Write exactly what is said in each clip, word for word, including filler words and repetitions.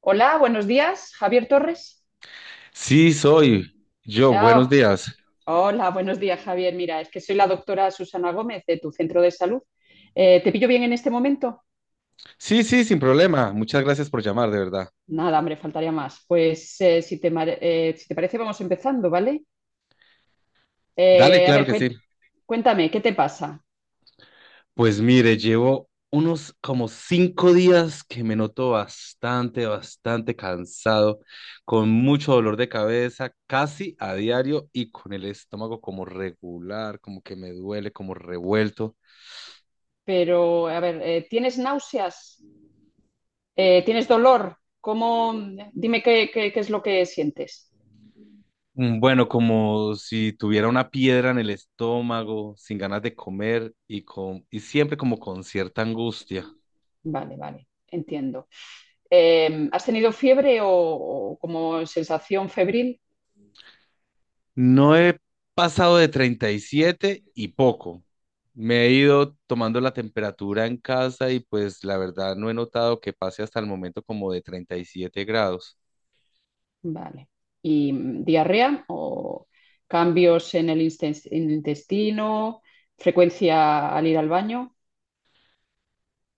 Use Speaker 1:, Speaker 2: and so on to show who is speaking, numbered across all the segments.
Speaker 1: Hola, buenos días, Javier Torres.
Speaker 2: Sí, soy yo. Buenos
Speaker 1: Ah,
Speaker 2: días.
Speaker 1: hola, buenos días, Javier. Mira, es que soy la doctora Susana Gómez de tu centro de salud. Eh, ¿te pillo bien en este momento?
Speaker 2: Sí, sí, sin problema. Muchas gracias por llamar, de verdad.
Speaker 1: Nada, hombre, faltaría más. Pues eh, si te, mare- eh, si te parece, vamos empezando, ¿vale?
Speaker 2: Dale,
Speaker 1: Eh, a
Speaker 2: claro
Speaker 1: ver,
Speaker 2: que
Speaker 1: cuen-
Speaker 2: sí.
Speaker 1: cuéntame, ¿qué te pasa?
Speaker 2: Pues mire, llevo unos como cinco días que me noto bastante, bastante cansado, con mucho dolor de cabeza, casi a diario y con el estómago como regular, como que me duele, como revuelto.
Speaker 1: Pero, a ver, eh, ¿tienes náuseas? Eh, ¿tienes dolor? ¿Cómo? Dime qué, qué qué es lo que sientes.
Speaker 2: Mm, Bueno, como si tuviera una piedra en el estómago, sin ganas de comer y con y siempre como con cierta angustia.
Speaker 1: Vale, vale, entiendo. Eh, ¿has tenido fiebre o, o como sensación febril?
Speaker 2: No he pasado de treinta y siete y poco. Me he ido tomando la temperatura en casa y pues la verdad no he notado que pase hasta el momento como de treinta y siete grados.
Speaker 1: Vale. ¿Y mm, diarrea o cambios en el insten- en el intestino? ¿Frecuencia al ir al baño?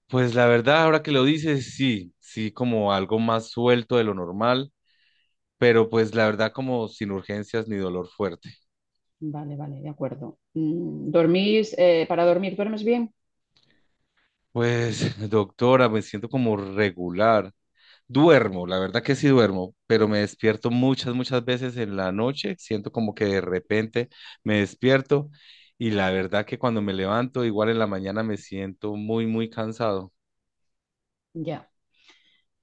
Speaker 2: Pues la verdad, ahora que lo dices, sí, sí, como algo más suelto de lo normal, pero pues la verdad como sin urgencias ni dolor fuerte.
Speaker 1: Vale, vale, de acuerdo. Mm, ¿dormís, eh, para dormir, duermes bien?
Speaker 2: Pues doctora, me siento como regular. Duermo, la verdad que sí duermo, pero me despierto muchas, muchas veces en la noche. Siento como que de repente me despierto y la verdad que cuando me levanto, igual en la mañana me siento muy, muy cansado.
Speaker 1: Ya.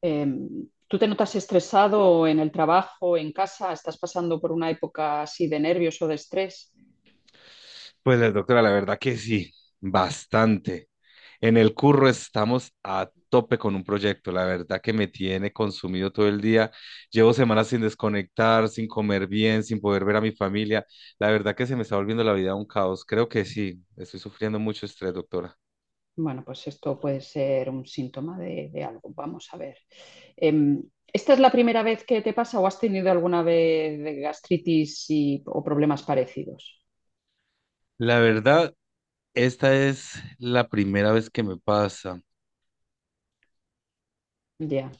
Speaker 1: Em, ¿tú te notas estresado en el trabajo, en casa? ¿Estás pasando por una época así de nervios o de estrés?
Speaker 2: Pues la doctora, la verdad que sí, bastante. En el curro estamos a tope con un proyecto, la verdad que me tiene consumido todo el día. Llevo semanas sin desconectar, sin comer bien, sin poder ver a mi familia. La verdad que se me está volviendo la vida un caos. Creo que sí, estoy sufriendo mucho estrés, doctora.
Speaker 1: Bueno, pues esto puede ser un síntoma de, de algo. Vamos a ver. Em, ¿Esta es la primera vez que te pasa o has tenido alguna vez de gastritis y- o problemas parecidos?
Speaker 2: La verdad, esta es la primera vez que me pasa.
Speaker 1: Ya.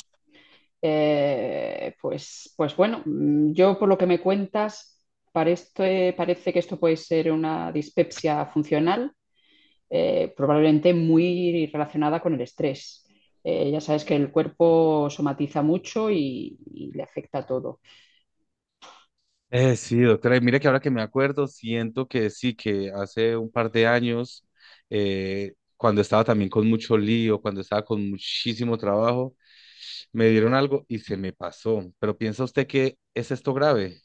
Speaker 1: Eh, pues, pues bueno, mm, yo por lo que me cuentas, para esto, eh, parece que esto puede ser una dispepsia funcional, eh, probablemente muy relacionada con el estrés. Eh, ya sabes que el cuerpo somatiza mucho y y le afecta todo.
Speaker 2: Eh, sí, doctora, y mira que ahora que me acuerdo, siento que sí, que hace un par de años, eh, cuando estaba también con mucho lío, cuando estaba con muchísimo trabajo, me dieron algo y se me pasó. Pero ¿piensa usted que es esto grave?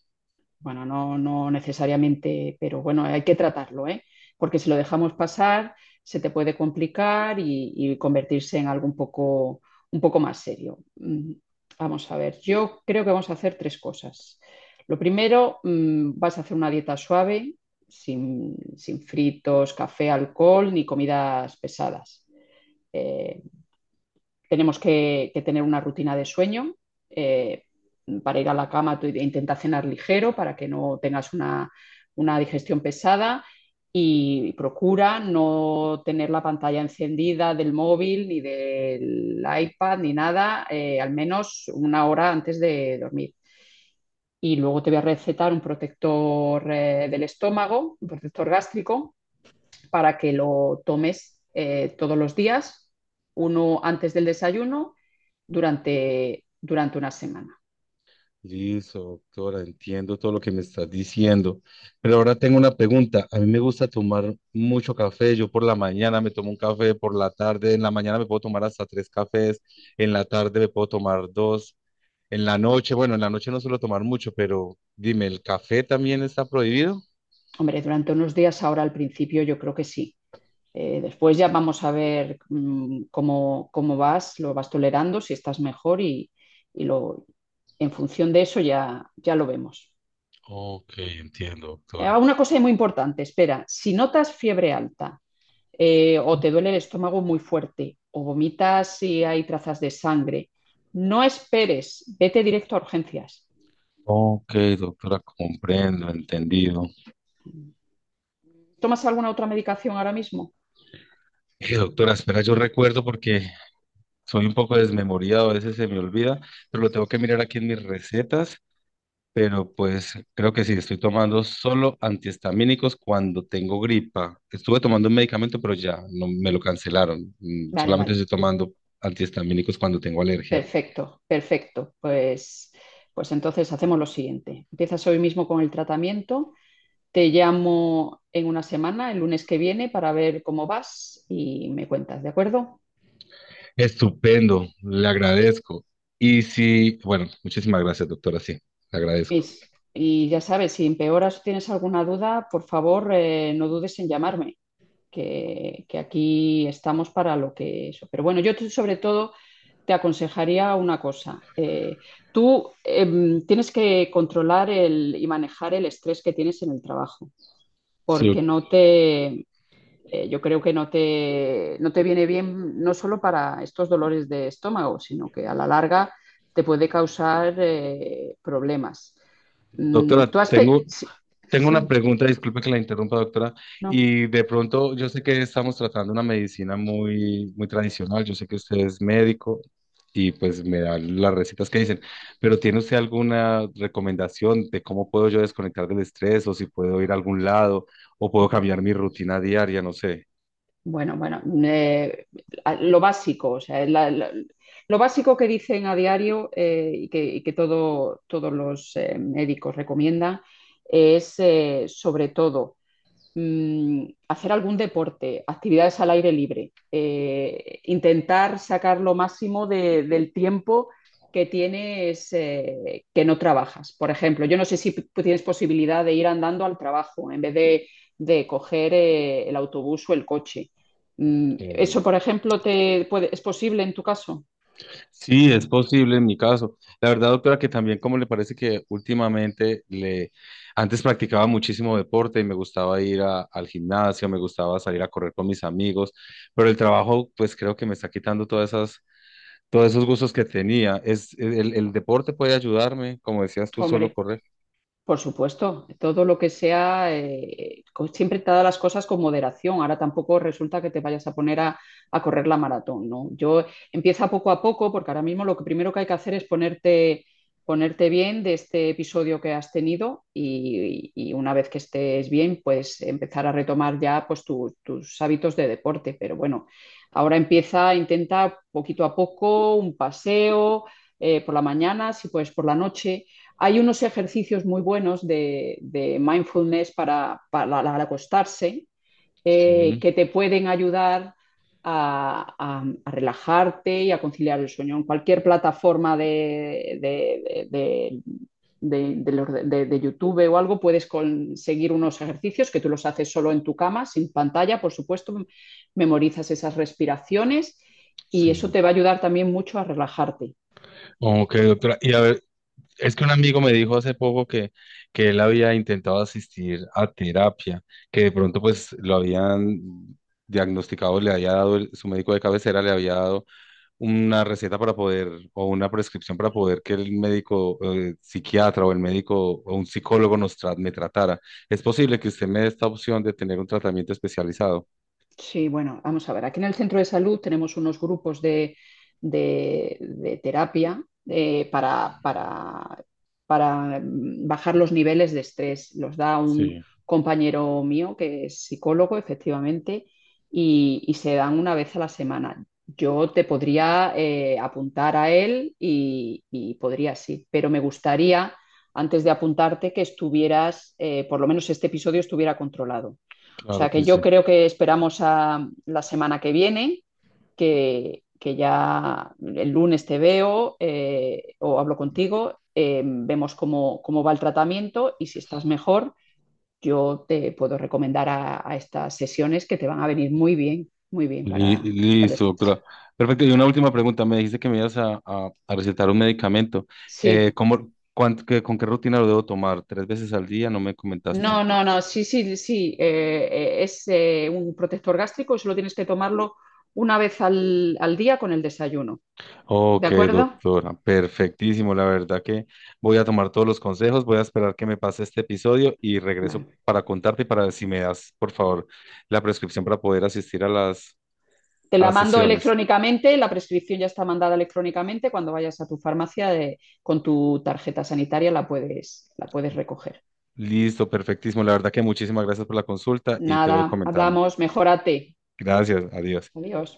Speaker 1: Bueno, no, no necesariamente, pero bueno, hay que tratarlo, ¿eh? Porque si lo dejamos pasar, se te puede complicar y, y convertirse en algo un poco, un poco más serio. Mm, vamos a ver, yo creo que vamos a hacer tres cosas. Lo primero, mm, vas a hacer una dieta suave, sin, sin fritos, café, alcohol ni comidas pesadas. Eh, Tenemos que, que tener una rutina de sueño. eh, para ir a la cama, tú intenta cenar ligero para que no tengas una, una digestión pesada y procura no tener la pantalla encendida del móvil ni del iPad ni nada, eh, al menos una hora antes de dormir. Y luego te voy a recetar un protector eh, del estómago, un protector gástrico, para que lo tomes eh, todos los días, uno antes del desayuno, durante, durante una semana.
Speaker 2: Listo, doctora, entiendo todo lo que me estás diciendo. Pero ahora tengo una pregunta. A mí me gusta tomar mucho café. Yo por la mañana me tomo un café, por la tarde, en la mañana me puedo tomar hasta tres cafés, en la tarde me puedo tomar dos, en la noche, bueno, en la noche no suelo tomar mucho, pero dime, ¿el café también está prohibido?
Speaker 1: Hombre, durante unos días ahora al principio yo creo que sí. Eh, después ya vamos a ver mmm, cómo, cómo vas, lo vas tolerando, si estás mejor y, y lo, en función de eso ya, ya lo vemos.
Speaker 2: Ok, entiendo,
Speaker 1: Eh,
Speaker 2: doctora.
Speaker 1: una cosa muy importante, espera, si notas fiebre alta eh, o te duele el estómago muy fuerte, o vomitas y hay trazas de sangre. No esperes, vete directo a urgencias.
Speaker 2: Ok, doctora, comprendo, entendido.
Speaker 1: ¿Tomas alguna otra medicación ahora mismo?
Speaker 2: Eh, doctora, espera, yo recuerdo porque Soy un poco desmemoriado, a veces se me olvida, pero lo tengo que mirar aquí en mis recetas. Pero pues creo que sí, estoy tomando solo antihistamínicos cuando tengo gripa. Estuve tomando un medicamento, pero ya no me lo cancelaron. Mm,
Speaker 1: Vale,
Speaker 2: Solamente
Speaker 1: vale.
Speaker 2: estoy tomando antihistamínicos cuando tengo alergia.
Speaker 1: Perfecto, perfecto. Pues, pues entonces hacemos lo siguiente. Empiezas hoy mismo con el tratamiento. Te llamo en una semana, el lunes que viene, para ver cómo vas y me cuentas, ¿de acuerdo?
Speaker 2: Estupendo, le agradezco. Y sí, bueno, muchísimas gracias, doctora, sí, le agradezco.
Speaker 1: Mis, y ya sabes, si empeoras o tienes alguna duda, por favor, eh, no dudes en llamarme. que, que aquí estamos para lo que eso. Pero bueno, yo te- sobre todo te aconsejaría una cosa. Eh, tú em, tienes que controlar el, y manejar el estrés que tienes en el trabajo,
Speaker 2: Sí,
Speaker 1: porque no te, eh, yo creo que no te, no te viene bien no solo para estos dolores de estómago, sino que a la larga te puede causar eh, problemas. Mm,
Speaker 2: doctora,
Speaker 1: tú has... pe-
Speaker 2: tengo
Speaker 1: Sí,
Speaker 2: Tengo una
Speaker 1: sí,
Speaker 2: pregunta, disculpe que la interrumpa, doctora,
Speaker 1: no.
Speaker 2: y de pronto yo sé que estamos tratando una medicina muy, muy tradicional, yo sé que usted es médico y pues me dan las recetas que dicen, pero ¿tiene usted alguna recomendación de cómo puedo yo desconectar del estrés o si puedo ir a algún lado o puedo
Speaker 1: Bueno.
Speaker 2: cambiar mi rutina diaria? No sé.
Speaker 1: Bueno, bueno, eh, a- lo básico, o sea, la- la- lo básico que dicen a diario eh, y que, y que todo- todos los eh, médicos recomiendan es, eh, sobre todo, mm, hacer algún deporte, actividades al aire libre, eh, intentar sacar lo máximo de- del tiempo que tienes eh, que no trabajas. Por ejemplo, yo no sé si tienes posibilidad de ir andando al trabajo en vez de, de coger eh, el autobús o el coche. Mm,
Speaker 2: eh,
Speaker 1: ¿eso, por ejemplo, te puede- es posible en tu caso?
Speaker 2: Sí, es posible en mi caso. La verdad, doctora, que también como le parece que últimamente le, antes practicaba muchísimo deporte y me gustaba ir a- al gimnasio, me gustaba salir a correr con mis amigos, pero el trabajo, pues creo que me está quitando todas esas, todos esos gustos que tenía. Es, e, el, el deporte puede ayudarme, como decías tú, solo
Speaker 1: Hombre.
Speaker 2: correr.
Speaker 1: Por supuesto, todo lo que sea, eh, co- siempre todas las cosas con moderación. Ahora tampoco resulta que te vayas a poner a, a correr la maratón, ¿no? Yo empieza poco a poco, porque ahora mismo lo que primero que hay que hacer es ponerte, ponerte bien de este episodio que has tenido y, y una vez que estés bien, pues empezar a retomar ya pues, tu- tus hábitos de deporte. Pero bueno, ahora empieza, intenta poquito a poco un paseo eh, por la mañana, si puedes por la noche hay unos ejercicios muy buenos de, de mindfulness para, para, al acostarse eh,
Speaker 2: Sí,
Speaker 1: que te pueden ayudar a, a, a, relajarte y a conciliar el sueño. En cualquier plataforma de, de, de, de de, de, de YouTube o algo puedes conseguir unos ejercicios que tú los haces solo en tu cama, sin pantalla, por supuesto, memorizas esas respiraciones y eso
Speaker 2: sí.
Speaker 1: te va a ayudar también mucho a relajarte.
Speaker 2: Ok, doctora. Y a ver, Es que un amigo me dijo hace poco que, que, él había intentado asistir a terapia, que de pronto pues lo habían diagnosticado, le había dado, el- su médico de cabecera le había dado una receta para poder, o una prescripción para poder que el médico eh, psiquiatra o el médico o un psicólogo nos tra- me tratara. ¿Es posible que usted me dé esta opción de tener un tratamiento especializado?
Speaker 1: Sí, bueno, vamos a ver. Aquí en el centro de salud tenemos unos grupos de, de- de terapia eh, para, para- para, mm, bajar los niveles de estrés. Los da un compañero mío que es psicólogo, efectivamente, y, y se dan una vez a la semana. Yo te podría eh, apuntar a él y, y podría sí, pero me gustaría, antes de apuntarte, que estuvieras, eh, por lo menos este episodio estuviera controlado. O sea que yo creo que esperamos a la semana que viene, que, que ya el lunes te veo eh, o hablo contigo, eh, vemos cómo, cómo, va el tratamiento y si estás mejor, yo te puedo recomendar a, a estas sesiones que te van a venir muy bien, muy bien
Speaker 2: Li-
Speaker 1: para, para el
Speaker 2: Listo,
Speaker 1: estrés.
Speaker 2: doctora. Perfecto. Y una última pregunta. Me dijiste que me ibas a, a- a recetar un medicamento. Eh,
Speaker 1: Sí,
Speaker 2: ¿cómo, cuán- qué- con qué rutina lo debo tomar? ¿Tres veces al día? No me comentaste.
Speaker 1: no, no, no, sí, sí, sí, eh, eh, es eh, un protector gástrico, solo tienes que tomarlo una vez al, al día con el desayuno, ¿de
Speaker 2: Ok,
Speaker 1: acuerdo?
Speaker 2: doctora. Perfectísimo. La verdad que voy a tomar todos los consejos. Voy a esperar que me pase este episodio y regreso
Speaker 1: Bueno.
Speaker 2: para contarte y para ver si me das, por favor, la prescripción para poder asistir a las,
Speaker 1: Te
Speaker 2: a
Speaker 1: la
Speaker 2: las
Speaker 1: mando
Speaker 2: sesiones.
Speaker 1: electrónicamente, la prescripción ya está mandada electrónicamente. Cuando vayas a tu farmacia de, con tu tarjeta sanitaria la puedes, la puedes recoger.
Speaker 2: Listo, perfectísimo. La verdad que muchísimas gracias por la consulta y te voy
Speaker 1: Nada,
Speaker 2: comentando.
Speaker 1: hablamos, mejórate.
Speaker 2: Gracias. Adiós.
Speaker 1: Adiós.